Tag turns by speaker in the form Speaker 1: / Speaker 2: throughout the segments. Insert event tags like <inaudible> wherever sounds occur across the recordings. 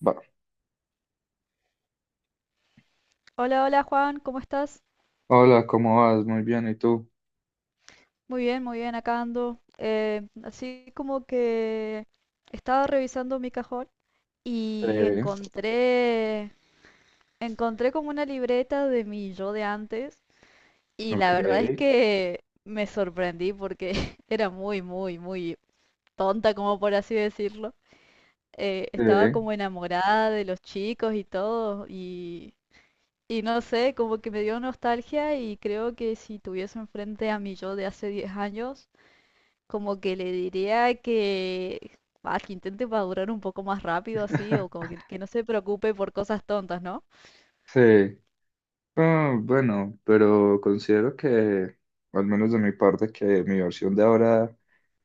Speaker 1: Va.
Speaker 2: Hola, hola Juan, ¿cómo estás?
Speaker 1: Hola, ¿cómo vas? Muy bien, ¿y tú?
Speaker 2: Muy bien, acá ando. Así como que estaba revisando mi cajón y
Speaker 1: Eh,
Speaker 2: encontré, encontré como una libreta de mi yo de antes, y
Speaker 1: ok.
Speaker 2: la verdad es
Speaker 1: Ok.
Speaker 2: que me sorprendí porque <laughs> era muy, muy, muy tonta, como por así decirlo. Estaba
Speaker 1: Eh,
Speaker 2: como enamorada de los chicos y todo y no sé, como que me dio nostalgia, y creo que si tuviese enfrente a mi yo de hace 10 años, como que le diría que, ah, que intente madurar un poco más rápido así, o como
Speaker 1: <laughs>
Speaker 2: que no se preocupe por cosas tontas, ¿no?
Speaker 1: sí. Ah, bueno, pero considero que, al menos de mi parte, que mi versión de ahora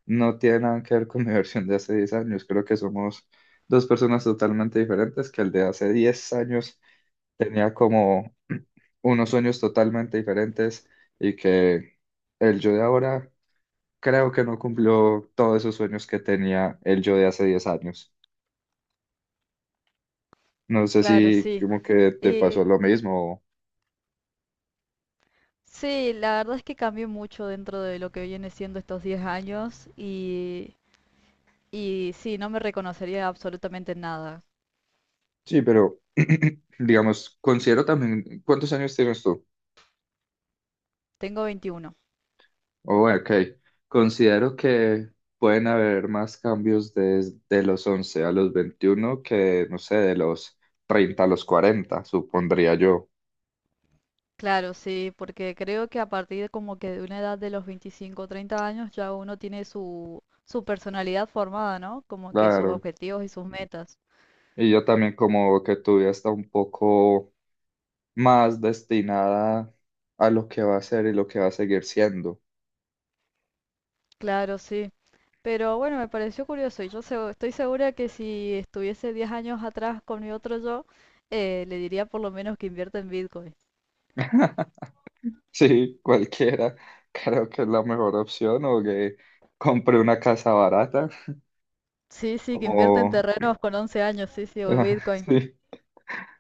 Speaker 1: no tiene nada que ver con mi <laughs> versión de hace 10 años. Creo que somos dos personas totalmente diferentes, que el de hace 10 años tenía como <clears throat> unos sueños totalmente diferentes y que el yo de ahora creo que no cumplió todos esos sueños que tenía el yo de hace 10 años. No sé
Speaker 2: Claro,
Speaker 1: si
Speaker 2: sí.
Speaker 1: como que te
Speaker 2: Eh,
Speaker 1: pasó lo mismo.
Speaker 2: sí, la verdad es que cambié mucho dentro de lo que viene siendo estos 10 años y sí, no me reconocería absolutamente en nada.
Speaker 1: Sí, pero <clears throat> digamos, considero también, ¿cuántos años tienes tú?
Speaker 2: Tengo 21.
Speaker 1: Oh, ok, considero que pueden haber más cambios desde los 11 a los 21 que, no sé, de los 30 a los 40 supondría yo.
Speaker 2: Claro, sí, porque creo que a partir como que de una edad de los 25 o 30 años ya uno tiene su personalidad formada, ¿no? Como que sus
Speaker 1: Claro,
Speaker 2: objetivos y sus metas.
Speaker 1: y yo también como que tu vida está un poco más destinada a lo que va a ser y lo que va a seguir siendo.
Speaker 2: Claro, sí. Pero bueno, me pareció curioso, y yo estoy segura que si estuviese 10 años atrás con mi otro yo, le diría por lo menos que invierta en Bitcoin.
Speaker 1: Sí, cualquiera. Creo que es la mejor opción o que compre una casa barata,
Speaker 2: Sí, sí, que invierte en
Speaker 1: como,
Speaker 2: terrenos con 11 años, sí, sí, o
Speaker 1: <laughs>
Speaker 2: Bitcoin.
Speaker 1: sí,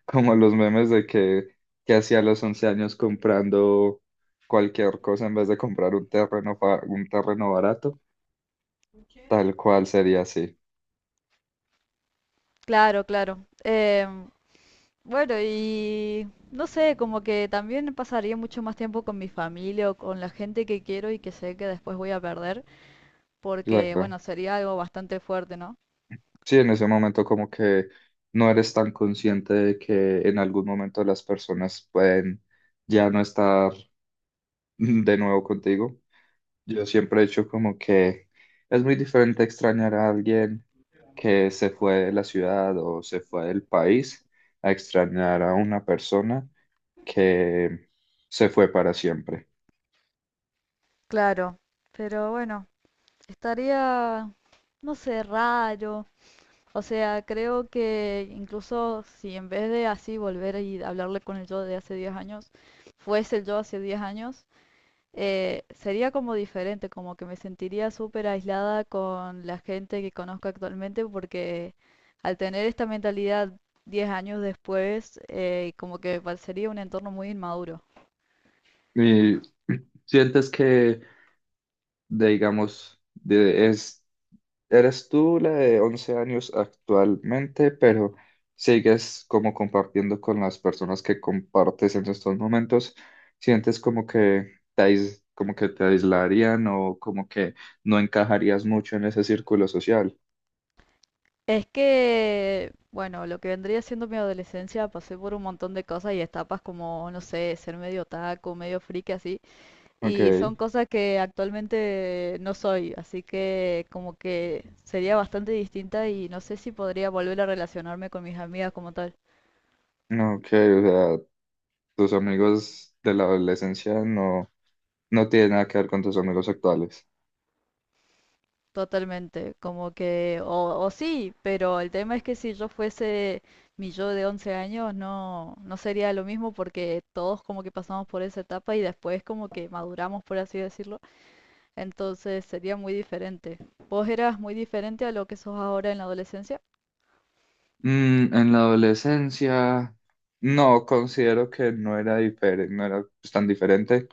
Speaker 1: como los memes de que hacía a los 11 años comprando cualquier cosa en vez de comprar un terreno, un terreno barato, tal cual sería así.
Speaker 2: Claro, claro. Bueno, y no sé, como que también pasaría mucho más tiempo con mi familia o con la gente que quiero y que sé que después voy a perder, porque
Speaker 1: Claro.
Speaker 2: bueno, sería algo bastante fuerte, ¿no?
Speaker 1: Sí, en ese momento como que no eres tan consciente de que en algún momento las personas pueden ya no estar de nuevo contigo. Yo siempre he hecho como que es muy diferente extrañar a alguien que se fue de la ciudad o se fue del país a extrañar a una persona que se fue para siempre.
Speaker 2: Claro, pero bueno, estaría, no sé, raro. O sea, creo que incluso si en vez de así volver y hablarle con el yo de hace 10 años, fuese el yo hace 10 años, sería como diferente, como que me sentiría súper aislada con la gente que conozco actualmente, porque al tener esta mentalidad 10 años después, como que me parecería un entorno muy inmaduro.
Speaker 1: Y sientes que, digamos, de, es eres tú la de 11 años actualmente, pero sigues como compartiendo con las personas que compartes en estos momentos. ¿Sientes como que como que te aislarían o como que no encajarías mucho en ese círculo social?
Speaker 2: Es que, bueno, lo que vendría siendo mi adolescencia, pasé por un montón de cosas y etapas como, no sé, ser medio taco, medio friki así.
Speaker 1: Ok,
Speaker 2: Y son cosas que actualmente no soy, así que como que sería bastante distinta y no sé si podría volver a relacionarme con mis amigas como tal.
Speaker 1: ok, o sea, tus amigos de la adolescencia no, no tienen nada que ver con tus amigos actuales.
Speaker 2: Totalmente, como que, o sí, pero el tema es que si yo fuese mi yo de 11 años, no sería lo mismo, porque todos como que pasamos por esa etapa y después como que maduramos, por así decirlo, entonces sería muy diferente. ¿Vos eras muy diferente a lo que sos ahora en la adolescencia?
Speaker 1: En la adolescencia, no, considero que no era diferente, no era pues, tan diferente.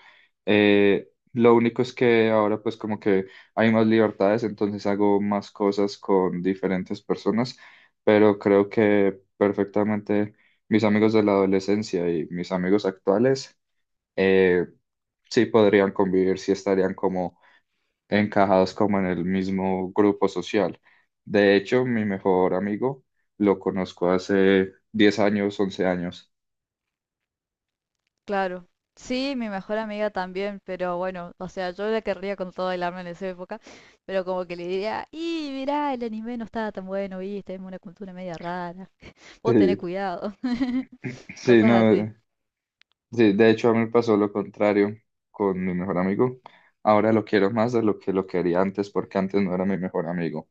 Speaker 1: Lo único es que ahora pues como que hay más libertades, entonces hago más cosas con diferentes personas, pero creo que perfectamente mis amigos de la adolescencia y mis amigos actuales eh, sí podrían convivir, sí estarían encajados como en el mismo grupo social. De hecho, mi mejor amigo lo conozco hace 10 años, 11 años.
Speaker 2: Claro. Sí, mi mejor amiga también, pero bueno, o sea, yo la querría con todo el alma en esa época, pero como que le diría, y mirá, el anime no estaba tan bueno, viste, es una cultura media rara, vos tenés
Speaker 1: Sí,
Speaker 2: cuidado, <laughs>
Speaker 1: sí,
Speaker 2: cosas así,
Speaker 1: no, sí, de hecho a mí me pasó lo contrario con mi mejor amigo. Ahora lo quiero más de lo que lo quería antes porque antes no era mi mejor amigo.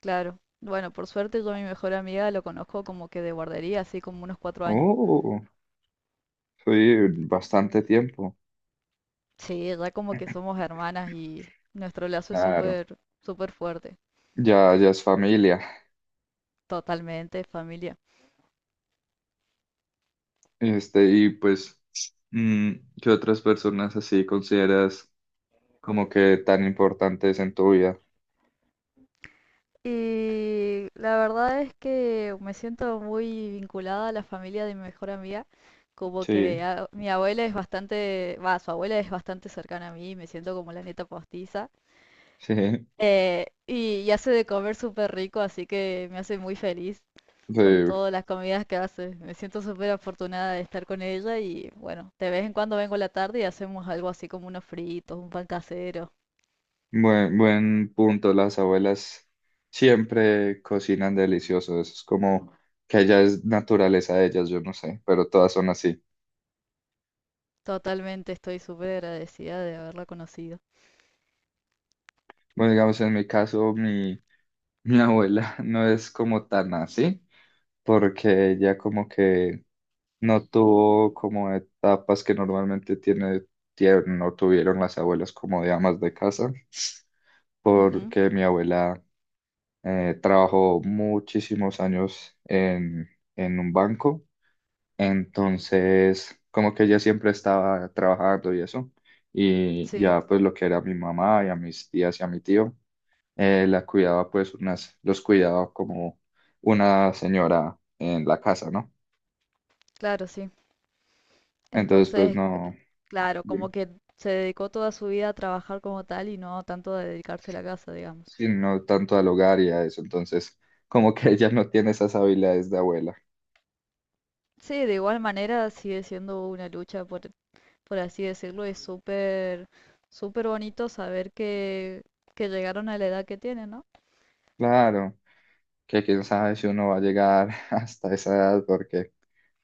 Speaker 2: claro. Bueno, por suerte yo a mi mejor amiga lo conozco como que de guardería, así como unos 4 años.
Speaker 1: Oh, sí, bastante tiempo.
Speaker 2: Sí, ya como que somos hermanas y nuestro lazo es
Speaker 1: Claro,
Speaker 2: súper, súper fuerte,
Speaker 1: ya, ya es familia.
Speaker 2: totalmente familia.
Speaker 1: Este, y pues, mm, ¿qué otras personas así consideras? Como que tan importantes en tu vida.
Speaker 2: Y la verdad es que me siento muy vinculada a la familia de mi mejor amiga, como que
Speaker 1: Sí,
Speaker 2: mi abuela es bastante, va, su abuela es bastante cercana a mí, me siento como la neta postiza.
Speaker 1: <laughs> sí,
Speaker 2: Y hace de comer súper rico, así que me hace muy feliz
Speaker 1: sí.
Speaker 2: con todas las comidas que hace. Me siento súper afortunada de estar con ella, y bueno, de vez en cuando vengo a la tarde y hacemos algo así como unos fritos, un pan casero.
Speaker 1: Buen punto. Las abuelas siempre cocinan delicioso. Eso es como que ya es naturaleza de ellas, yo no sé, pero todas son así.
Speaker 2: Totalmente estoy súper agradecida de haberla conocido.
Speaker 1: Bueno, digamos, en mi caso, mi abuela <laughs> no es como tan así, porque ella como que no tuvo como etapas que normalmente tiene, no tuvieron las abuelas como de amas de casa,
Speaker 2: Ujú.
Speaker 1: porque mi abuela trabajó muchísimos años en un banco, entonces como que ella siempre estaba trabajando y eso, y
Speaker 2: Sí.
Speaker 1: ya pues lo que era mi mamá y a mis tías y a mi tío, la cuidaba pues los cuidaba como una señora en la casa, ¿no?
Speaker 2: Claro, sí.
Speaker 1: Entonces pues
Speaker 2: Entonces,
Speaker 1: no,
Speaker 2: claro, como que se dedicó toda su vida a trabajar como tal y no tanto a dedicarse a la casa, digamos.
Speaker 1: sí, no tanto al hogar y a eso, entonces como que <laughs> ella no tiene esas habilidades de abuela.
Speaker 2: Sí, de igual manera sigue siendo una lucha, por así decirlo, es súper, súper bonito saber que llegaron a la edad que tienen, ¿no?
Speaker 1: Claro. Que quién sabe si uno va a llegar <laughs> hasta esa edad, porque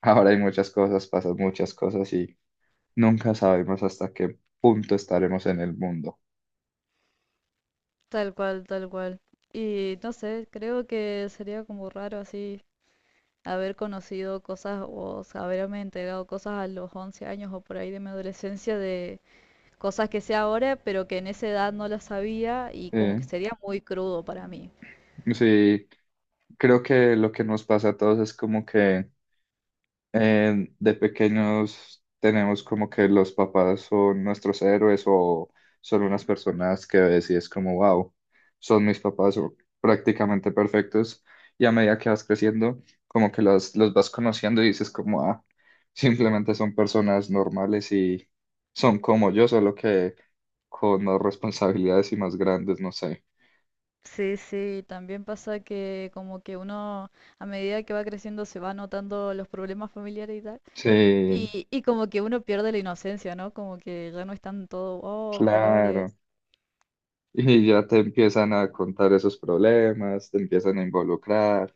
Speaker 1: ahora hay muchas cosas, pasan muchas cosas y nunca sabemos hasta qué punto estaremos en el mundo.
Speaker 2: Tal cual, tal cual. Y no sé, creo que sería como raro así haber conocido cosas o haberme entregado cosas a los 11 años o por ahí de mi adolescencia, de cosas que sé ahora, pero que en esa edad no las sabía, y como
Speaker 1: Eh,
Speaker 2: que sería muy crudo para mí.
Speaker 1: sí, creo que lo que nos pasa a todos es como que de pequeños tenemos como que los papás son nuestros héroes o son unas personas que ves y es como, wow, son mis papás o prácticamente perfectos. Y a medida que vas creciendo, como que los vas conociendo y dices como, ah, simplemente son personas normales y son como yo, solo que con más responsabilidades y más grandes, no sé.
Speaker 2: Sí, sí, también pasa que como que uno, a medida que va creciendo, se va notando los problemas familiares y tal,
Speaker 1: Sí,
Speaker 2: y como que uno pierde la inocencia, ¿no? Como que ya no están todo, oh, colores,
Speaker 1: claro. Y ya te empiezan a contar esos problemas, te empiezan a involucrar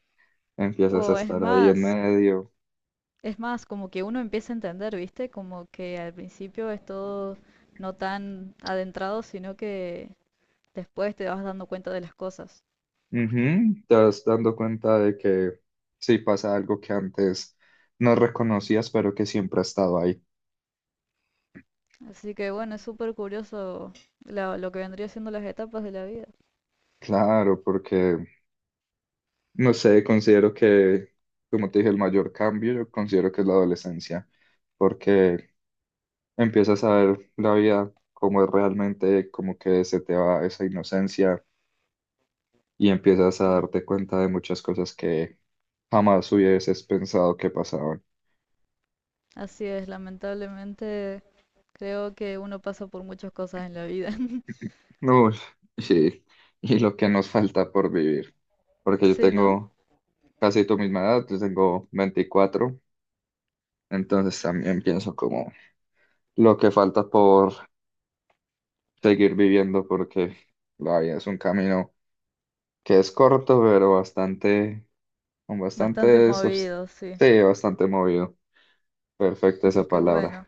Speaker 1: empiezas a
Speaker 2: o
Speaker 1: estar ahí en medio.
Speaker 2: es más, como que uno empieza a entender, ¿viste? Como que al principio es todo no tan adentrado, sino que después te vas dando cuenta de las cosas.
Speaker 1: Ujú. Te vas dando cuenta de que sí pasa algo que antes no reconocías, pero que siempre ha estado ahí.
Speaker 2: Así que bueno, es súper curioso lo que vendría siendo las etapas de la vida.
Speaker 1: Claro, porque, no sé, considero que, como te dije, el mayor cambio, yo considero que es la adolescencia, porque empiezas a ver la vida como es realmente, como que se te va esa inocencia y empiezas a
Speaker 2: Claro.
Speaker 1: darte cuenta de muchas cosas que jamás hubieses pensado que pasaban.
Speaker 2: Así es, lamentablemente creo que uno pasa por muchas cosas en la vida. <laughs>
Speaker 1: Uy, sí, y lo que nos falta por vivir, porque yo
Speaker 2: Sí, ¿no?
Speaker 1: tengo casi tu misma edad, yo tengo 24, entonces también pienso como lo que falta por seguir viviendo, porque la vida es un camino que es corto, pero bastante, con
Speaker 2: Bastante
Speaker 1: bastante,
Speaker 2: movido, sí.
Speaker 1: sí, bastante movido. Perfecta
Speaker 2: Así
Speaker 1: esa
Speaker 2: que
Speaker 1: palabra.
Speaker 2: bueno.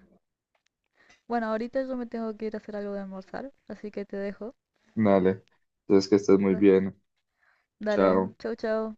Speaker 2: Bueno, ahorita yo me tengo que ir a hacer algo de almorzar, así que te dejo.
Speaker 1: Dale, entonces que estés muy
Speaker 2: Da-
Speaker 1: bien.
Speaker 2: Dale,
Speaker 1: Chao.
Speaker 2: chau, chau.